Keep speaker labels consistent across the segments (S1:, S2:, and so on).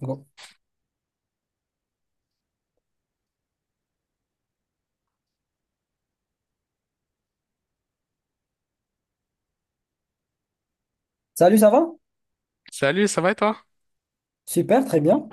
S1: Bon. Salut, ça va?
S2: Salut, ça va et toi?
S1: Super, très bien.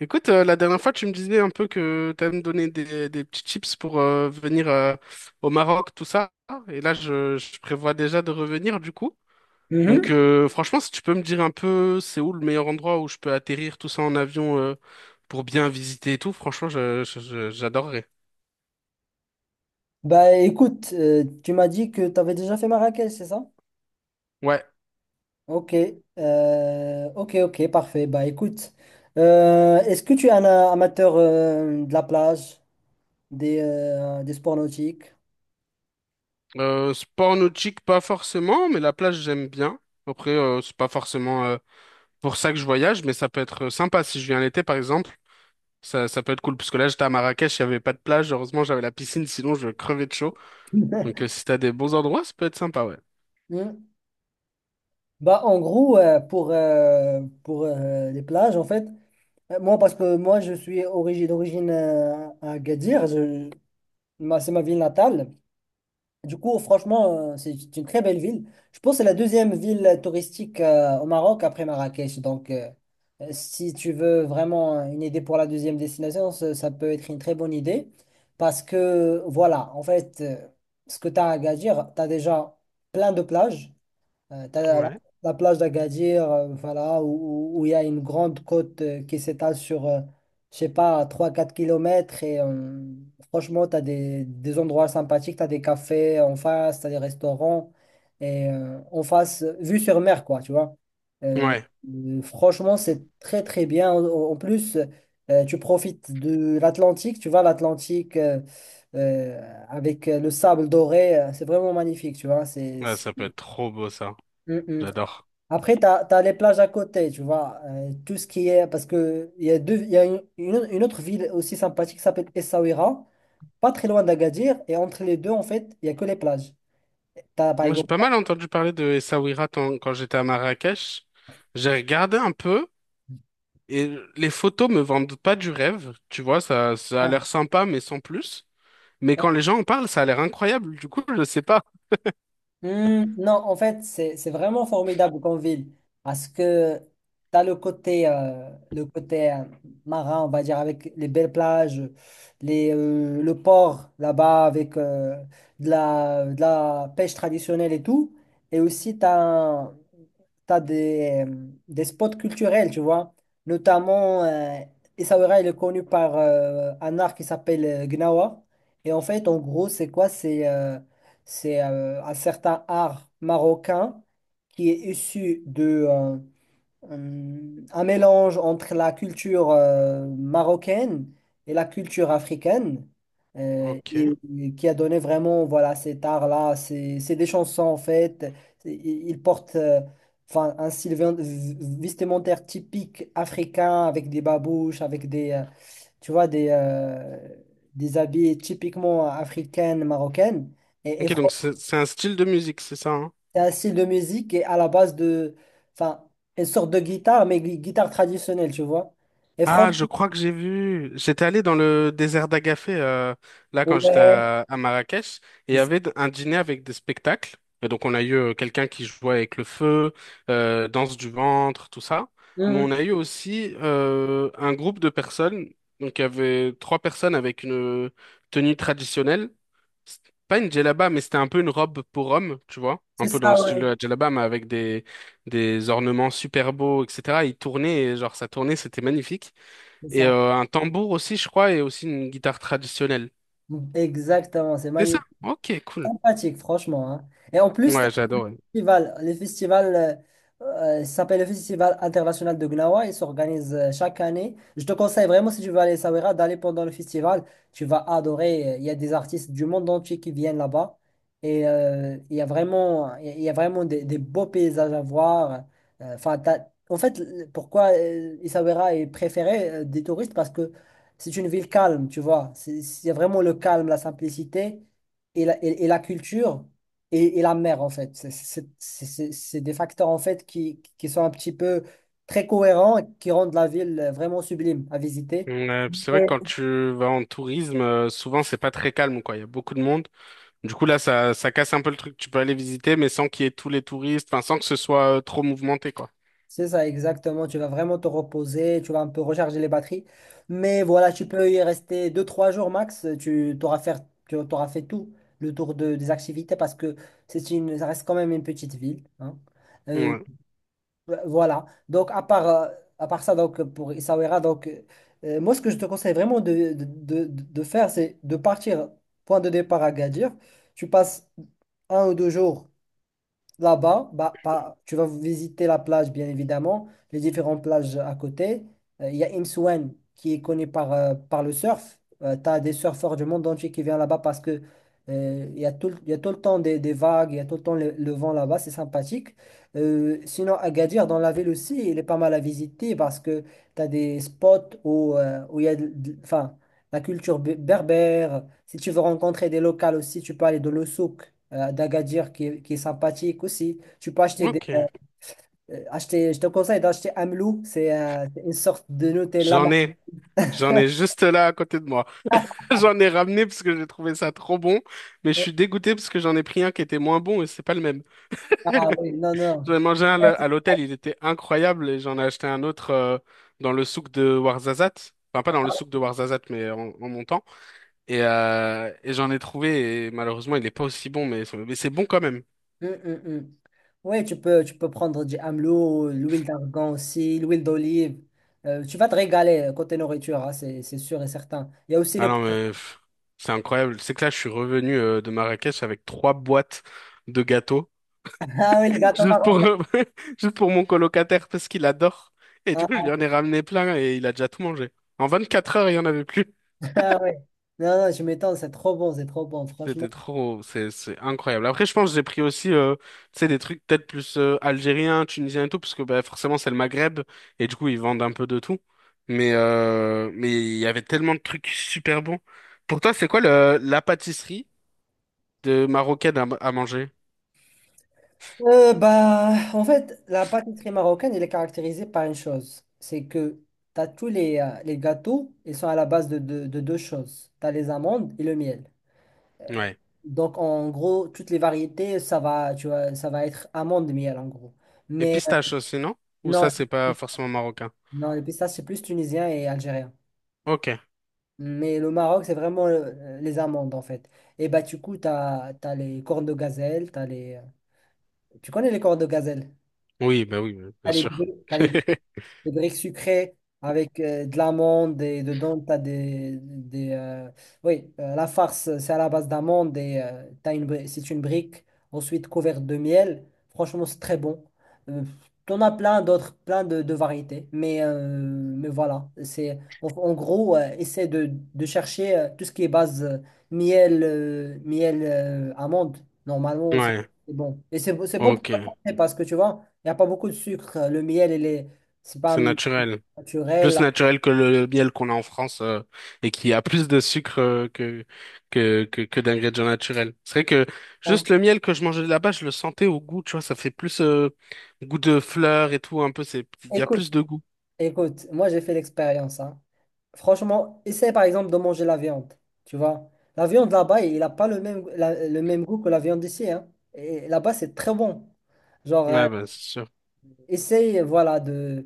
S2: Écoute, la dernière fois, tu me disais un peu que tu allais me donner des petits tips pour venir au Maroc, tout ça. Et là, je prévois déjà de revenir du coup.
S1: Mhm.
S2: Donc, franchement, si tu peux me dire un peu c'est où le meilleur endroit où je peux atterrir tout ça en avion pour bien visiter et tout, franchement, j'adorerais.
S1: Bah écoute, tu m'as dit que tu avais déjà fait Marrakech, c'est ça?
S2: Ouais,
S1: Ok, ok, ok, parfait. Bah écoute, est-ce que tu es un amateur de la plage, des sports nautiques?
S2: sport nautique, pas forcément, mais la plage, j'aime bien. Après, c'est pas forcément pour ça que je voyage, mais ça peut être sympa si je viens l'été, par exemple. Ça peut être cool, parce que là, j'étais à Marrakech, il n'y avait pas de plage. Heureusement, j'avais la piscine, sinon je crevais de chaud. Donc, si t'as des bons endroits, ça peut être sympa, ouais.
S1: Hmm. Bah, en gros, pour les plages, en fait, moi, parce que moi, je suis d'origine à Agadir, c'est ma ville natale. Du coup, franchement, c'est une très belle ville. Je pense que c'est la deuxième ville touristique au Maroc après Marrakech. Donc, si tu veux vraiment une idée pour la deuxième destination, ça peut être une très bonne idée. Parce que, voilà, en fait, ce que tu as à Agadir, tu as déjà plein de plages. T'as
S2: Ouais.
S1: la plage d'Agadir, voilà, où il y a une grande côte qui s'étale sur, je sais pas, trois quatre kilomètres. Et franchement, tu as des endroits sympathiques, tu as des cafés en face, tu as des restaurants. Et en face, vue sur mer, quoi, tu vois. Euh,
S2: Ouais,
S1: Franchement, c'est très, très bien. En plus, tu profites de l'Atlantique, tu vois, l'Atlantique euh, avec le sable doré, c'est vraiment magnifique, tu vois.
S2: ouais, ça peut être trop beau, ça.
S1: Mm, mm.
S2: J'adore.
S1: Après, tu as, les plages à côté, tu vois. Tout ce qui est. Parce que il y a une autre ville aussi sympathique qui s'appelle Essaouira, pas très loin d'Agadir. Et entre les deux, en fait, il n'y a que les plages. Tu as, par
S2: Moi, j'ai
S1: exemple.
S2: pas mal entendu parler de Essaouira quand j'étais à Marrakech. J'ai regardé un peu, et les photos me vendent pas du rêve. Tu vois, ça a l'air sympa, mais sans plus. Mais quand les gens en parlent, ça a l'air incroyable. Du coup, je sais pas.
S1: Hmm, non, en fait, c'est vraiment formidable comme ville parce que tu as le côté marin, on va dire, avec les belles plages, les, le port là-bas avec de la pêche traditionnelle et tout. Et aussi, tu as, des spots culturels, tu vois. Notamment, Essaouira, il est connu par un art qui s'appelle Gnawa. Et en fait, en gros, c'est quoi? C'est un certain art marocain qui est issu de euh, un mélange entre la culture marocaine et la culture africaine euh,
S2: Ok.
S1: et, et qui a donné vraiment voilà cet art-là. C'est des chansons en fait. Ils portent enfin un style vestimentaire typique africain avec des babouches, avec des tu vois des habits typiquement africaines, marocaines. Et, et
S2: Ok, donc c'est un style de musique, c'est ça, hein?
S1: c'est un style de musique et à la base de, enfin, une sorte de guitare, mais guitare traditionnelle, tu vois. Et
S2: Ah, je
S1: franchement,
S2: crois que j'ai vu. J'étais allé dans le désert d'Agafé, là, quand j'étais
S1: ouais,
S2: à Marrakech, et il
S1: c'est
S2: y
S1: ça.
S2: avait un dîner avec des spectacles. Et donc, on a eu quelqu'un qui jouait avec le feu, danse du ventre, tout ça. Mais
S1: Mhm.
S2: on a eu aussi un groupe de personnes. Donc, il y avait trois personnes avec une tenue traditionnelle. C'est pas une djellaba, mais c'était un peu une robe pour homme, tu vois. Un
S1: C'est
S2: peu dans le
S1: ça,
S2: style
S1: ouais,
S2: de la djellaba, mais avec des ornements super beaux, etc. Ils tournaient, et genre, ça tournait, c'était magnifique.
S1: c'est
S2: Et
S1: ça.
S2: un tambour aussi, je crois, et aussi une guitare traditionnelle.
S1: Mmh. Exactement, c'est
S2: C'est ça?
S1: magnifique,
S2: Ok, cool.
S1: sympathique, franchement, hein. Et en plus,
S2: Ouais, j'adore, ouais.
S1: festival, le festival ça s'appelle le Festival international de Gnawa. Il s'organise chaque année. Je te conseille vraiment, si tu veux aller à Essaouira, d'aller pendant le festival. Tu vas adorer. Il y a des artistes du monde entier qui viennent là-bas. Et il y a vraiment, il y a vraiment des beaux paysages à voir. Enfin, en fait, pourquoi Essaouira est préféré des touristes? Parce que c'est une ville calme, tu vois. C'est vraiment le calme, la simplicité et la culture et la mer, en fait. C'est c'est des facteurs, en fait, qui sont un petit peu très cohérents et qui rendent la ville vraiment sublime à visiter.
S2: Ouais, puis c'est vrai que
S1: Ouais.
S2: quand tu vas en tourisme, souvent c'est pas très calme, quoi. Il y a beaucoup de monde. Du coup, là, ça casse un peu le truc. Tu peux aller visiter, mais sans qu'il y ait tous les touristes, enfin, sans que ce soit trop mouvementé, quoi.
S1: C'est ça, exactement. Tu vas vraiment te reposer, tu vas un peu recharger les batteries. Mais voilà, tu peux y rester deux trois jours max. Tu t'auras fait tout le tour de, des activités parce que c'est une, ça reste quand même une petite ville, hein. Euh,
S2: Ouais.
S1: Voilà. Donc, à part ça, donc, pour Essaouira, donc, moi, ce que je te conseille vraiment de faire, c'est de partir, point de départ à Gadir. Tu passes un ou deux jours là-bas, bah, bah, tu vas visiter la plage, bien évidemment, les différentes plages à côté. Il y a Imsouane qui est connu par, par le surf. Tu as des surfeurs du monde entier qui viennent là-bas parce que il y a tout, il y a tout le temps des vagues, il y a tout le temps le vent là-bas, c'est sympathique. Sinon, Agadir, dans la ville aussi, il est pas mal à visiter parce que tu as des spots où, où il y a enfin, la culture berbère. Si tu veux rencontrer des locales aussi, tu peux aller dans le souk d'Agadir qui est sympathique aussi. Tu peux acheter des.
S2: Ok.
S1: Acheter, je te conseille d'acheter Amlou, c'est une sorte de Nutella.
S2: J'en ai. J'en ai juste là à côté de moi. J'en ai ramené parce que j'ai trouvé ça trop bon, mais je
S1: Euh,
S2: suis dégoûté parce que j'en ai pris un qui était moins bon et c'est pas le même.
S1: Ah oui, non, non.
S2: J'en ai mangé un
S1: Ouais,
S2: à l'hôtel, il était incroyable et j'en ai acheté un autre dans le souk de Ouarzazate. Enfin, pas dans le souk de Ouarzazate, mais en montant. Et j'en ai trouvé et malheureusement, il n'est pas aussi bon, mais c'est bon quand même.
S1: Hum. Ouais, tu peux prendre du Amlou, l'huile d'argan aussi, l'huile d'olive. Tu vas te régaler côté nourriture, hein, c'est sûr et certain. Il y a aussi les.
S2: Ah non, mais pff, c'est incroyable. C'est que là, je suis revenu de Marrakech avec trois boîtes de gâteaux
S1: Ah oui, les gâteaux
S2: juste pour,
S1: marocains.
S2: juste pour mon colocataire parce qu'il adore. Et du coup, je
S1: Ah,
S2: lui en ai ramené plein et il a déjà tout mangé. En 24 heures, il n'y en avait plus.
S1: ah, ouais. Non, non, je m'étonne, c'est trop bon,
S2: C'était
S1: franchement.
S2: trop, c'est incroyable. Après, je pense que j'ai pris aussi, tu sais, des trucs peut-être plus algériens, tunisiens et tout, parce que bah, forcément c'est le Maghreb et du coup ils vendent un peu de tout. Mais il y avait tellement de trucs super bons. Pour toi, c'est quoi le la pâtisserie de marocaine à manger?
S1: Bah, en fait, la pâtisserie marocaine, elle est caractérisée par une chose, c'est que tu as tous les gâteaux, ils sont à la base de, de deux choses. Tu as les amandes et le miel.
S2: Ouais.
S1: Donc, en gros, toutes les variétés, ça va, tu vois, ça va être amande-miel, en gros.
S2: Et
S1: Mais
S2: pistache aussi, non? Ou
S1: non,
S2: ça c'est pas forcément marocain?
S1: non, les pistaches, c'est plus tunisien et algérien.
S2: Ok.
S1: Mais le Maroc, c'est vraiment les amandes, en fait. Et bah, du coup, tu as, les cornes de gazelle, t'as les... Tu connais les cornes de gazelle?
S2: Oui, bah oui, bien sûr.
S1: T'as les briques sucrées avec de l'amande et dedans t'as des oui la farce c'est à la base d'amande et t'as une c'est une brique ensuite couverte de miel. Franchement c'est très bon. Euh, T'en as plein d'autres plein de variétés mais voilà c'est en, en gros essaie de chercher tout ce qui est base miel miel amande normalement ça,
S2: Ouais.
S1: c'est bon et c'est bon pour la
S2: Ok.
S1: santé parce que tu vois il n'y a pas beaucoup de sucre. Le miel, il est, c'est pas
S2: C'est naturel, plus
S1: naturel,
S2: naturel que le miel qu'on a en France et qui a plus de sucre que d'ingrédients naturels. C'est vrai que
S1: hein.
S2: juste le miel que je mangeais là-bas, je le sentais au goût, tu vois, ça fait plus goût de fleurs et tout, un peu, c'est il y a
S1: Écoute,
S2: plus de goût.
S1: écoute, moi j'ai fait l'expérience, hein. Franchement, essaie par exemple de manger la viande. Tu vois, la viande là-bas, il n'a pas le même, le même goût que la viande d'ici, hein. Et là-bas, c'est très bon. Genre,
S2: Ouais, bah c'est sûr,
S1: Essaye, voilà, de,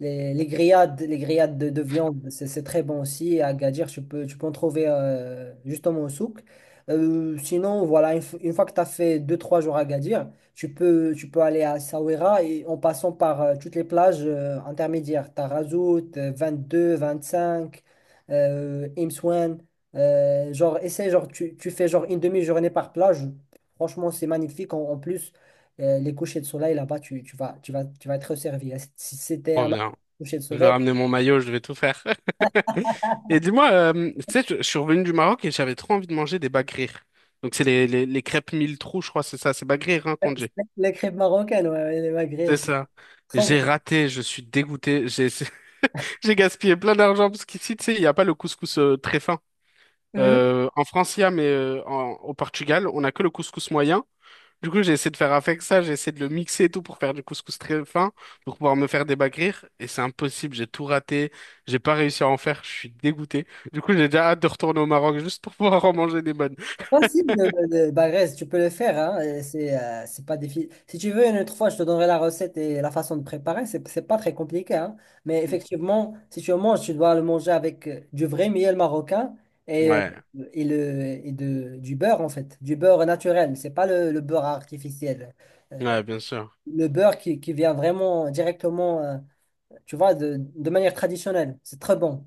S1: les grillades de viande, c'est très bon aussi. À Gadir, tu peux en trouver justement au souk. Sinon, voilà, une, une fois que tu as fait deux trois jours à Gadir, tu peux aller à Essaouira et en passant par toutes les plages intermédiaires. Tu as Razout, 22, 25, Imsouane. Genre, essaye, genre, tu fais genre une demi-journée par plage. Franchement, c'est magnifique. En plus, les couchers de soleil là-bas, tu vas, tu vas, tu vas être servi, hein. Si c'était
S2: trop
S1: un
S2: bien.
S1: coucher de
S2: Je vais
S1: soleil,
S2: ramener mon maillot, je vais tout faire. Et dis-moi, tu sais, je suis revenu du Maroc et j'avais trop envie de manger des bagrir. Donc c'est les crêpes mille trous, je crois, c'est ça, c'est bagrir hein, qu'on dit.
S1: c'est les crêpes marocaines, ouais, ouais, les
S2: C'est
S1: magrires, c'est
S2: ça.
S1: trop
S2: J'ai
S1: bon.
S2: raté, je suis dégoûté. J'ai j'ai gaspillé plein d'argent parce qu'ici, tu sais, il n'y a pas le couscous très fin.
S1: Mhm.
S2: En France, il y a, mais au Portugal, on n'a que le couscous moyen. Du coup, j'ai essayé de faire avec ça, j'ai essayé de le mixer et tout pour faire du couscous très fin, pour pouvoir me faire des bagrir. Et c'est impossible, j'ai tout raté, j'ai pas réussi à en faire, je suis dégoûté. Du coup, j'ai déjà hâte de retourner au Maroc juste pour pouvoir en manger des bonnes.
S1: C'est facile, le Bagrez, tu peux le faire, hein, et c'est pas difficile. Si tu veux, une autre fois, je te donnerai la recette et la façon de préparer, c'est pas très compliqué, hein. Mais effectivement, si tu le manges, tu dois le manger avec du vrai miel marocain et,
S2: Ouais,
S1: du beurre, en fait, du beurre naturel, c'est pas le beurre artificiel. Euh,
S2: ouais, bien sûr.
S1: le beurre qui vient vraiment directement, tu vois, de manière traditionnelle. C'est très bon.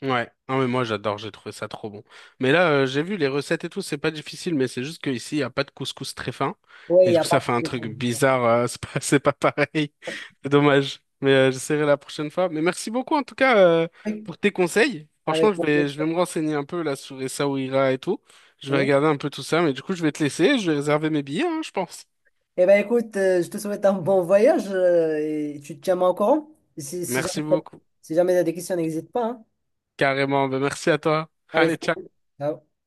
S2: Ouais, non mais moi j'adore, j'ai trouvé ça trop bon. Mais là, j'ai vu les recettes et tout, c'est pas difficile, mais c'est juste qu'ici, il n'y a pas de couscous très fin.
S1: Oui, il
S2: Et
S1: n'y
S2: du
S1: a
S2: coup,
S1: pas
S2: ça fait un
S1: de...
S2: truc bizarre, c'est pas, c'est pas pareil. C'est dommage. Mais j'essaierai la prochaine fois. Mais merci beaucoup en tout cas pour tes conseils. Franchement,
S1: Avec mon
S2: je
S1: plaisir.
S2: vais me renseigner un peu là sur Essaouira et tout. Je vais
S1: Hein?
S2: regarder un peu tout ça, mais du coup, je vais te laisser, je vais réserver mes billets, hein, je pense.
S1: Eh bien, écoute, je te souhaite un bon voyage et tu te tiens au courant. Si, si
S2: Merci
S1: jamais,
S2: beaucoup.
S1: si jamais tu as des questions, n'hésite pas, hein.
S2: Carrément, ben, merci à toi.
S1: Allez,
S2: Allez, ciao.
S1: salut. Ciao.